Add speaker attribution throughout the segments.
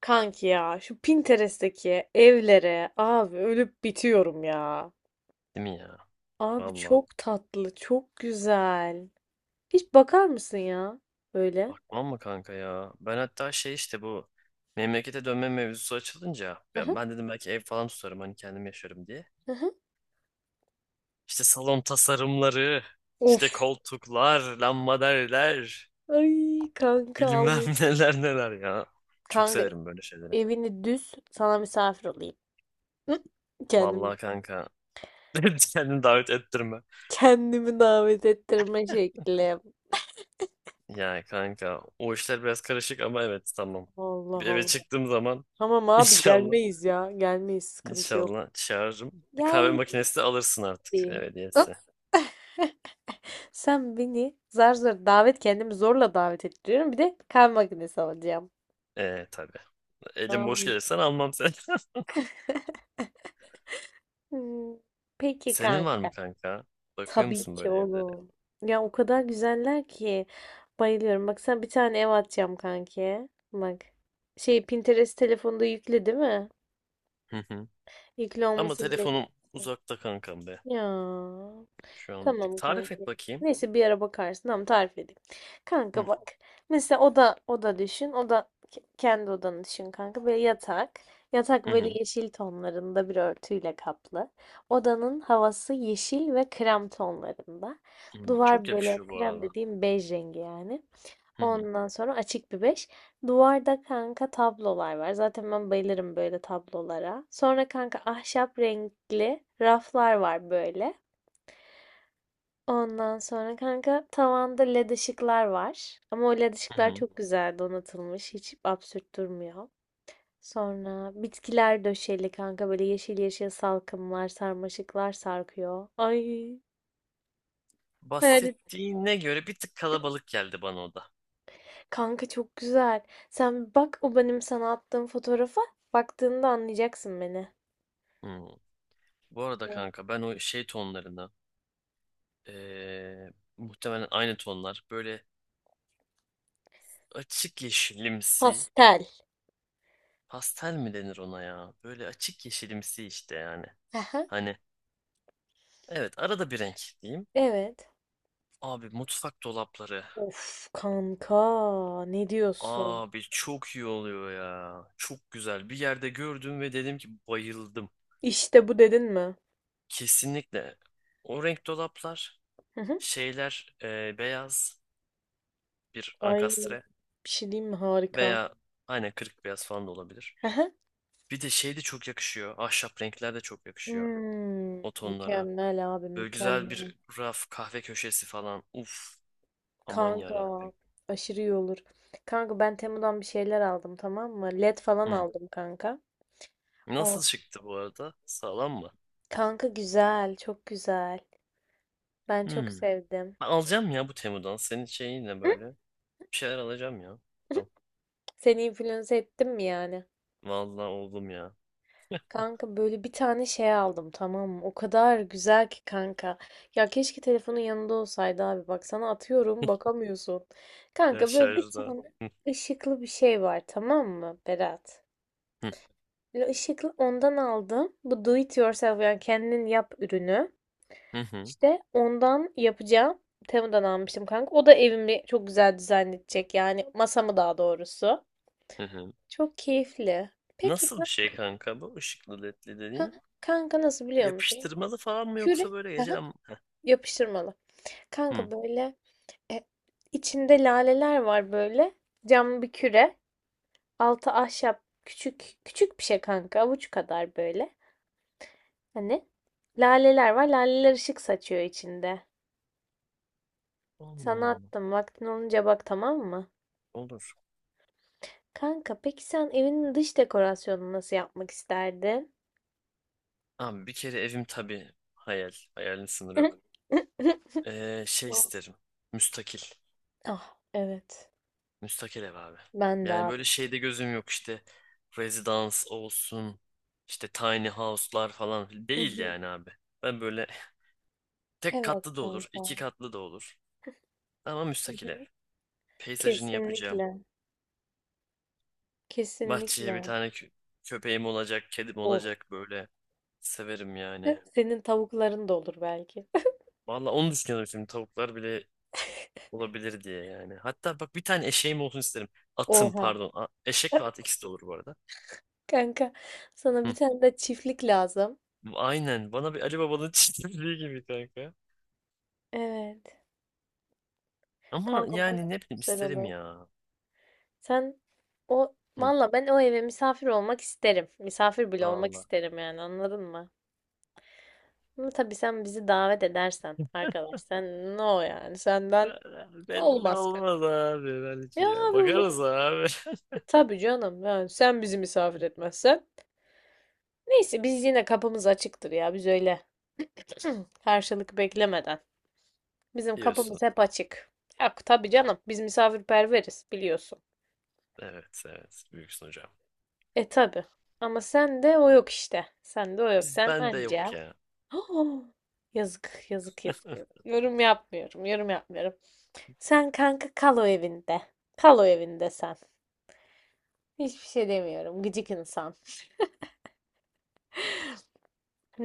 Speaker 1: Kanki ya şu Pinterest'teki evlere abi ölüp bitiyorum ya.
Speaker 2: Değil mi ya?
Speaker 1: Abi
Speaker 2: Valla.
Speaker 1: çok tatlı, çok güzel. Hiç bakar mısın ya böyle?
Speaker 2: Bakmam mı kanka ya? Ben hatta şey işte bu memlekete dönme mevzusu açılınca
Speaker 1: Hı
Speaker 2: ben,
Speaker 1: hı,
Speaker 2: ben dedim belki ev falan tutarım hani kendim yaşarım diye.
Speaker 1: hı hı.
Speaker 2: İşte salon tasarımları, işte
Speaker 1: Of.
Speaker 2: koltuklar, lambaderler,
Speaker 1: Ay kanka al.
Speaker 2: bilmem neler neler ya. Çok
Speaker 1: Kanka
Speaker 2: severim böyle şeyleri.
Speaker 1: evini düz sana misafir olayım. Hı? Kendimi,
Speaker 2: Vallahi kanka. Kendini davet ettirme.
Speaker 1: kendimi davet ettirme şekli.
Speaker 2: Ya kanka o işler biraz karışık ama evet tamam.
Speaker 1: Allah
Speaker 2: Bir eve
Speaker 1: Allah.
Speaker 2: çıktığım zaman
Speaker 1: Tamam abi
Speaker 2: inşallah
Speaker 1: gelmeyiz ya. Gelmeyiz sıkıntı yok.
Speaker 2: İnşallah çağırırım. Bir kahve makinesi de alırsın artık ev
Speaker 1: Gel.
Speaker 2: hediyesi.
Speaker 1: Sen beni zar zor davet kendimi zorla davet ettiriyorum. Bir de kahve makinesi alacağım.
Speaker 2: Tabii. Elim boş
Speaker 1: Am,
Speaker 2: gelirsen almam seni.
Speaker 1: hmm, Peki
Speaker 2: Senin var mı
Speaker 1: kanka.
Speaker 2: kanka? Bakıyor
Speaker 1: Tabii
Speaker 2: musun
Speaker 1: ki
Speaker 2: böyle evlere?
Speaker 1: oğlum. Ya o kadar güzeller ki bayılıyorum. Bak sen bir tane ev atacağım kanki. Bak. Şey Pinterest telefonda yükle değil mi?
Speaker 2: Hı hı.
Speaker 1: Yükle
Speaker 2: Ama
Speaker 1: olması bile
Speaker 2: telefonum
Speaker 1: güzel.
Speaker 2: uzakta kankam be.
Speaker 1: Ya.
Speaker 2: Şu an bir tık.
Speaker 1: Tamam kanka.
Speaker 2: Tarif et bakayım.
Speaker 1: Neyse bir ara bakarsın. Tamam tarif edeyim.
Speaker 2: Hı
Speaker 1: Kanka bak. Mesela oda oda düşün. Kendi odanı düşün kanka. Böyle yatak. Yatak
Speaker 2: hı.
Speaker 1: böyle
Speaker 2: Hı.
Speaker 1: yeşil tonlarında bir örtüyle kaplı. Odanın havası yeşil ve krem tonlarında.
Speaker 2: Hı, çok
Speaker 1: Duvar böyle
Speaker 2: yakışıyor bu
Speaker 1: krem
Speaker 2: arada.
Speaker 1: dediğim bej rengi yani.
Speaker 2: Hı hı.
Speaker 1: Ondan sonra açık bir beş. Duvarda kanka tablolar var. Zaten ben bayılırım böyle tablolara. Sonra kanka ahşap renkli raflar var böyle. Ondan sonra kanka tavanda led ışıklar var. Ama o led
Speaker 2: Hı
Speaker 1: ışıklar
Speaker 2: hı.
Speaker 1: çok güzel donatılmış. Hiç absürt durmuyor. Sonra bitkiler döşeli kanka böyle yeşil yeşil salkımlar, sarmaşıklar sarkıyor. Ay hayal et.
Speaker 2: Bahsettiğine göre bir tık kalabalık geldi bana o da.
Speaker 1: Kanka çok güzel. Sen bir bak o benim sana attığım fotoğrafa baktığında anlayacaksın beni.
Speaker 2: Hı. Bu arada
Speaker 1: Evet.
Speaker 2: kanka ben o şey tonlarına ee, muhtemelen aynı tonlar böyle açık yeşilimsi.
Speaker 1: Pastel.
Speaker 2: Pastel mi denir ona ya? Böyle açık yeşilimsi işte yani.
Speaker 1: Aha.
Speaker 2: Hani evet arada bir renk diyeyim.
Speaker 1: Evet.
Speaker 2: Abi mutfak dolapları.
Speaker 1: Of kanka ne diyorsun?
Speaker 2: Abi çok iyi oluyor ya. Çok güzel. Bir yerde gördüm ve dedim ki bayıldım.
Speaker 1: İşte bu dedin mi?
Speaker 2: Kesinlikle. O renk dolaplar
Speaker 1: Hı hı.
Speaker 2: şeyler beyaz bir
Speaker 1: Ay bir
Speaker 2: ankastre
Speaker 1: şey diyeyim mi? Harika.
Speaker 2: veya aynen kırık beyaz falan da olabilir.
Speaker 1: Aha.
Speaker 2: Bir de şey de çok yakışıyor. Ahşap renkler de çok yakışıyor
Speaker 1: Hmm,
Speaker 2: o tonlara.
Speaker 1: mükemmel abi
Speaker 2: Böyle güzel
Speaker 1: mükemmel.
Speaker 2: bir raf kahve köşesi falan. Uf. Aman ya
Speaker 1: Kanka
Speaker 2: Rabbim.
Speaker 1: aşırı iyi olur. Kanka ben Temu'dan bir şeyler aldım tamam mı? LED falan aldım kanka. O
Speaker 2: Nasıl çıktı bu arada? Sağlam mı?
Speaker 1: kanka güzel çok güzel. Ben çok
Speaker 2: Hmm.
Speaker 1: sevdim.
Speaker 2: Ben alacağım ya bu Temu'dan. Senin şeyinle
Speaker 1: Hı?
Speaker 2: böyle. Bir şeyler alacağım ya. Bakalım.
Speaker 1: Seni influence ettim mi yani?
Speaker 2: Vallahi oldum ya.
Speaker 1: Kanka böyle bir tane şey aldım tamam mı? O kadar güzel ki kanka. Ya keşke telefonun yanında olsaydı abi. Bak sana atıyorum bakamıyorsun.
Speaker 2: Ya
Speaker 1: Kanka böyle bir
Speaker 2: şarjda.
Speaker 1: tane
Speaker 2: Hı,
Speaker 1: ışıklı bir şey var tamam mı Berat?
Speaker 2: hı,
Speaker 1: Böyle ışıklı ondan aldım. Bu do it yourself yani kendin yap ürünü.
Speaker 2: hı, hı,
Speaker 1: İşte ondan yapacağım. Temu'dan almıştım kanka. O da evimi çok güzel dizayn edecek. Yani masamı daha doğrusu.
Speaker 2: hı, hı.
Speaker 1: Çok keyifli. Peki
Speaker 2: Nasıl
Speaker 1: kan-
Speaker 2: bir şey kanka bu? Işıklı ledli
Speaker 1: ha,
Speaker 2: dediğin.
Speaker 1: kanka nasıl biliyor musun?
Speaker 2: Yapıştırmalı falan mı yoksa
Speaker 1: Küre
Speaker 2: böyle gece.
Speaker 1: aha, yapıştırmalı.
Speaker 2: Hmm.
Speaker 1: Kanka böyle e, içinde laleler var böyle. Cam bir küre. Altı ahşap. Küçük küçük bir şey kanka. Avuç kadar böyle. Hani laleler var. Laleler ışık saçıyor içinde.
Speaker 2: Allah
Speaker 1: Sana
Speaker 2: Allah.
Speaker 1: attım. Vaktin olunca bak tamam mı?
Speaker 2: Olur.
Speaker 1: Kanka peki sen evinin dış dekorasyonunu nasıl yapmak isterdin?
Speaker 2: Abi bir kere evim tabii hayal. Hayalin sınırı yok. Şey isterim. Müstakil.
Speaker 1: Ah evet.
Speaker 2: Müstakil ev abi.
Speaker 1: Ben de
Speaker 2: Yani
Speaker 1: abi.
Speaker 2: böyle şeyde gözüm yok işte residence olsun işte tiny house'lar falan
Speaker 1: Hı
Speaker 2: değil
Speaker 1: hı.
Speaker 2: yani abi. Ben böyle tek
Speaker 1: Evet
Speaker 2: katlı da olur, iki
Speaker 1: kanka.
Speaker 2: katlı da olur ama
Speaker 1: Hı
Speaker 2: müstakil ev.
Speaker 1: hı.
Speaker 2: Peyzajını yapacağım.
Speaker 1: Kesinlikle.
Speaker 2: Bahçeye bir
Speaker 1: Kesinlikle.
Speaker 2: tane köpeğim olacak, kedim
Speaker 1: Of.
Speaker 2: olacak böyle. Severim yani.
Speaker 1: Senin tavukların da olur belki.
Speaker 2: Valla onu düşünüyorum şimdi tavuklar bile olabilir diye yani. Hatta bak bir tane eşeğim olsun isterim. Atım
Speaker 1: Oha.
Speaker 2: pardon. Eşek ve at ikisi de olur bu arada.
Speaker 1: Kanka sana bir
Speaker 2: Hı.
Speaker 1: tane de çiftlik lazım.
Speaker 2: Aynen. Bana bir Ali Baba'nın çizdiği gibi kanka.
Speaker 1: Evet.
Speaker 2: Ama
Speaker 1: Kanka valla
Speaker 2: yani ne
Speaker 1: çok
Speaker 2: bileyim
Speaker 1: güzel
Speaker 2: isterim
Speaker 1: olur.
Speaker 2: ya.
Speaker 1: Sen o
Speaker 2: Hı,
Speaker 1: valla ben o eve misafir olmak isterim. Misafir bile olmak
Speaker 2: valla.
Speaker 1: isterim yani anladın mı? Ama tabii sen bizi davet edersen arkadaş sen no yani senden
Speaker 2: Be- Belli
Speaker 1: olmaz.
Speaker 2: olmaz abi belki
Speaker 1: Ya
Speaker 2: ya.
Speaker 1: abi o zaman-
Speaker 2: Bakarız abi.
Speaker 1: tabii canım yani sen bizi misafir etmezsen. Neyse biz yine kapımız açıktır ya biz öyle. Karşılık beklemeden. Bizim
Speaker 2: Diyorsun.
Speaker 1: kapımız hep açık. Yok tabii canım. Biz misafirperveriz biliyorsun.
Speaker 2: Evet evet büyüksün hocam.
Speaker 1: E tabii. Ama sen de o yok işte. Sen de o yok.
Speaker 2: Biz
Speaker 1: Sen
Speaker 2: bende yok
Speaker 1: anca.
Speaker 2: ya.
Speaker 1: Yazık, yazık, yazık, yazık. Yorum yapmıyorum, yorum yapmıyorum. Sen kanka kal o evinde. Kal o evinde sen. Hiçbir şey demiyorum. Gıcık insan.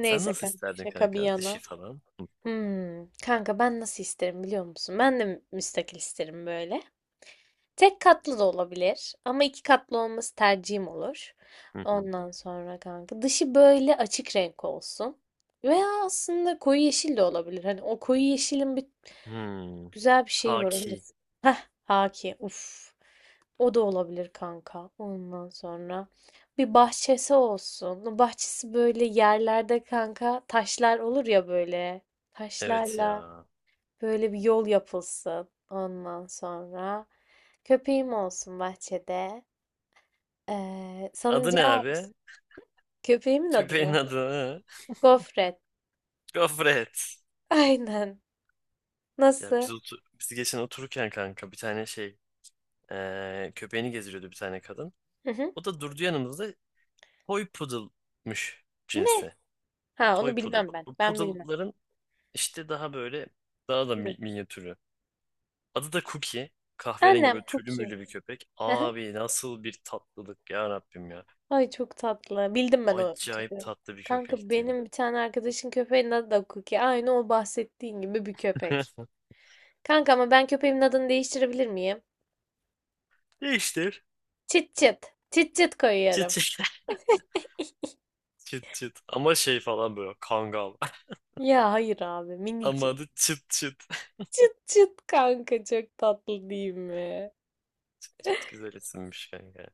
Speaker 2: Sen nasıl
Speaker 1: kanka
Speaker 2: isterdin
Speaker 1: şaka bir
Speaker 2: kanka? Dişi
Speaker 1: yana.
Speaker 2: falan.
Speaker 1: Kanka ben nasıl isterim biliyor musun? Ben de müstakil isterim böyle. Tek katlı da olabilir ama iki katlı olması tercihim olur.
Speaker 2: Hı hı.
Speaker 1: Ondan sonra kanka dışı böyle açık renk olsun. Veya aslında koyu yeşil de olabilir. Hani o koyu yeşilin bir
Speaker 2: Hmm.
Speaker 1: güzel bir şeyi var. Onu da...
Speaker 2: Haki.
Speaker 1: Heh, haki. Uf. O da olabilir kanka. Ondan sonra bir bahçesi olsun. O bahçesi böyle yerlerde kanka taşlar olur ya böyle.
Speaker 2: Evet
Speaker 1: Taşlarla
Speaker 2: ya.
Speaker 1: böyle bir yol yapılsın ondan sonra. Köpeğim olsun bahçede.
Speaker 2: Adı ne
Speaker 1: Salıncağım
Speaker 2: abi?
Speaker 1: olsun. Köpeğimin adı
Speaker 2: Köpeğin
Speaker 1: mı?
Speaker 2: adı. Hı?
Speaker 1: Gofret.
Speaker 2: Gofret.
Speaker 1: Aynen.
Speaker 2: Ya
Speaker 1: Nasıl?
Speaker 2: biz geçen otururken kanka bir tane şey köpeğini gezdiriyordu bir tane kadın.
Speaker 1: Hı hı.
Speaker 2: O da durdu yanımızda. Toy poodle'mış
Speaker 1: Ne?
Speaker 2: cinsi.
Speaker 1: Ha
Speaker 2: Toy
Speaker 1: onu
Speaker 2: Poodle.
Speaker 1: bilmem ben.
Speaker 2: Bu
Speaker 1: Ben bilmem.
Speaker 2: poodle'ların işte daha böyle daha da
Speaker 1: Hı.
Speaker 2: minyatürü. Adı da Cookie. Kahverengi
Speaker 1: Annem
Speaker 2: böyle tüylü
Speaker 1: Cookie.
Speaker 2: müylü bir köpek.
Speaker 1: Hı hı.
Speaker 2: Abi nasıl bir tatlılık ya Rabbim ya.
Speaker 1: Ay çok tatlı. Bildim ben o
Speaker 2: Acayip
Speaker 1: tipi.
Speaker 2: tatlı bir
Speaker 1: Kanka
Speaker 2: köpekti.
Speaker 1: benim bir tane arkadaşın köpeğinin adı da Cookie. Aynı o bahsettiğin gibi bir köpek. Kanka ama ben köpeğimin adını değiştirebilir miyim?
Speaker 2: Değiştir.
Speaker 1: Çıt çıt. Çıt çıt
Speaker 2: Çıt
Speaker 1: koyuyorum.
Speaker 2: çıt. Çıt çıt. Ama şey falan böyle kangal.
Speaker 1: Ya hayır abi
Speaker 2: Ama
Speaker 1: minicik.
Speaker 2: adı çıt çıt.
Speaker 1: Çıt çıt kanka çok tatlı değil mi?
Speaker 2: Çıt çıt güzel isimmiş kanka.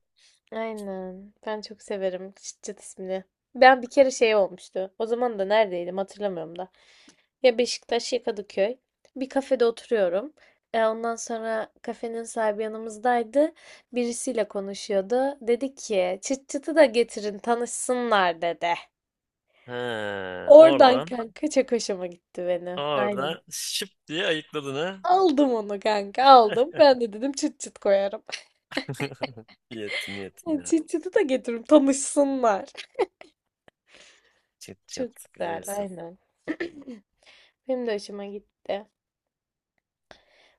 Speaker 1: Aynen. Ben çok severim çıt çıt ismini. Ben bir kere şey olmuştu. O zaman da neredeydim hatırlamıyorum da. Ya Beşiktaş ya Kadıköy. Bir kafede oturuyorum. Ondan sonra kafenin sahibi yanımızdaydı. Birisiyle konuşuyordu. Dedi ki çıt çıtı da getirin tanışsınlar dedi.
Speaker 2: He,
Speaker 1: Oradan
Speaker 2: oradan
Speaker 1: kanka çok hoşuma gitti beni. Aynen.
Speaker 2: oradan şıp diye ayıkladın ha.
Speaker 1: Aldım onu kanka aldım. Ben de dedim çıt çıt koyarım.
Speaker 2: İyi ettin iyi ettin
Speaker 1: Yani
Speaker 2: ya.
Speaker 1: Cicit'i de getirip tanışsınlar.
Speaker 2: Çıt
Speaker 1: Çok
Speaker 2: çıt güzel
Speaker 1: güzel,
Speaker 2: isim.
Speaker 1: aynen. Benim de hoşuma gitti.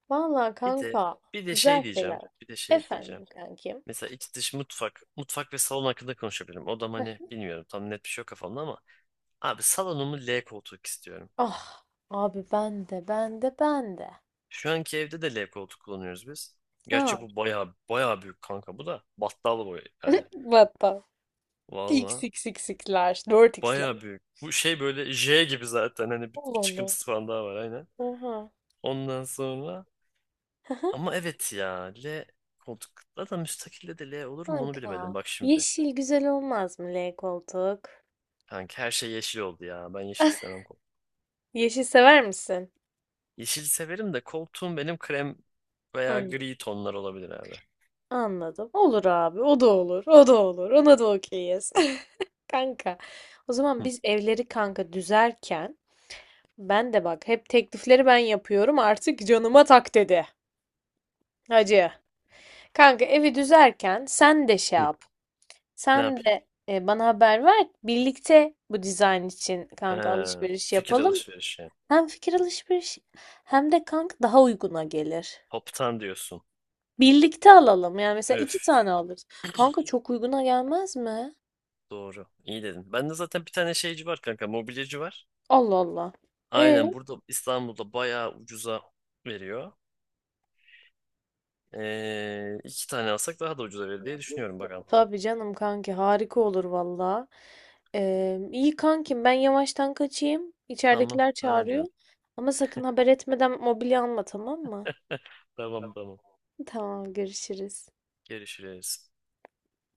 Speaker 1: Vallahi
Speaker 2: Bir de
Speaker 1: kanka,
Speaker 2: bir de
Speaker 1: güzel
Speaker 2: şey
Speaker 1: şeyler.
Speaker 2: diyeceğim. Bir de şey diyeceğim.
Speaker 1: Efendim kankim.
Speaker 2: Mesela iç dış mutfak ve salon hakkında konuşabilirim. Odam hani bilmiyorum tam net bir şey yok kafamda ama abi salonumu L koltuk istiyorum.
Speaker 1: Ah, abi ben de, ben de, ben de.
Speaker 2: Şu anki evde de L koltuk kullanıyoruz biz. Gerçi
Speaker 1: Ha,
Speaker 2: bu baya baya büyük kanka bu da battal boy yani.
Speaker 1: hatta
Speaker 2: Valla
Speaker 1: XXX'ler, 4X'ler.
Speaker 2: baya büyük. Bu şey böyle J gibi zaten hani bir,
Speaker 1: Allah
Speaker 2: bir
Speaker 1: Allah.
Speaker 2: çıkıntısı falan daha var aynen.
Speaker 1: Oha.
Speaker 2: Ondan sonra ama evet ya L koltuk da müstakilde de L olur mu onu bilemedim
Speaker 1: Kanka,
Speaker 2: bak şimdi.
Speaker 1: yeşil güzel olmaz mı L koltuk?
Speaker 2: Kanka her şey yeşil oldu ya. Ben yeşil istemem.
Speaker 1: Yeşil sever misin?
Speaker 2: Yeşili severim de koltuğum benim krem veya
Speaker 1: Hı,
Speaker 2: gri tonlar olabilir abi.
Speaker 1: anladım. Olur abi, o da olur, o da olur. Ona da okeyiz. Kanka, o zaman
Speaker 2: Hı,
Speaker 1: biz evleri kanka düzerken ben de bak hep teklifleri ben yapıyorum artık canıma tak dedi. Hacı. Kanka evi düzerken sen de şey
Speaker 2: hı.
Speaker 1: yap.
Speaker 2: Ne
Speaker 1: Sen
Speaker 2: yapayım?
Speaker 1: de bana haber ver. Birlikte bu dizayn için kanka
Speaker 2: He,
Speaker 1: alışveriş
Speaker 2: fikir
Speaker 1: yapalım.
Speaker 2: alışverişi.
Speaker 1: Hem fikir alışveriş hem de kanka daha uyguna gelir.
Speaker 2: Toptan diyorsun.
Speaker 1: Birlikte alalım. Yani mesela iki
Speaker 2: Üf.
Speaker 1: tane alırız. Kanka çok uyguna gelmez mi?
Speaker 2: Doğru. İyi dedin. Bende zaten bir tane şeyci var kanka. Mobilyacı var.
Speaker 1: Allah Allah. E
Speaker 2: Aynen burada İstanbul'da bayağı ucuza veriyor. İki tane alsak daha da ucuza verir diye düşünüyorum bakalım.
Speaker 1: Tabii canım kanki harika olur valla. İyi kankim ben yavaştan kaçayım.
Speaker 2: Tamam.
Speaker 1: İçeridekiler
Speaker 2: Tamam
Speaker 1: çağırıyor.
Speaker 2: canım.
Speaker 1: Ama sakın haber etmeden mobilya alma tamam mı?
Speaker 2: Tamam tamam.
Speaker 1: Tamam görüşürüz.
Speaker 2: Görüşürüz.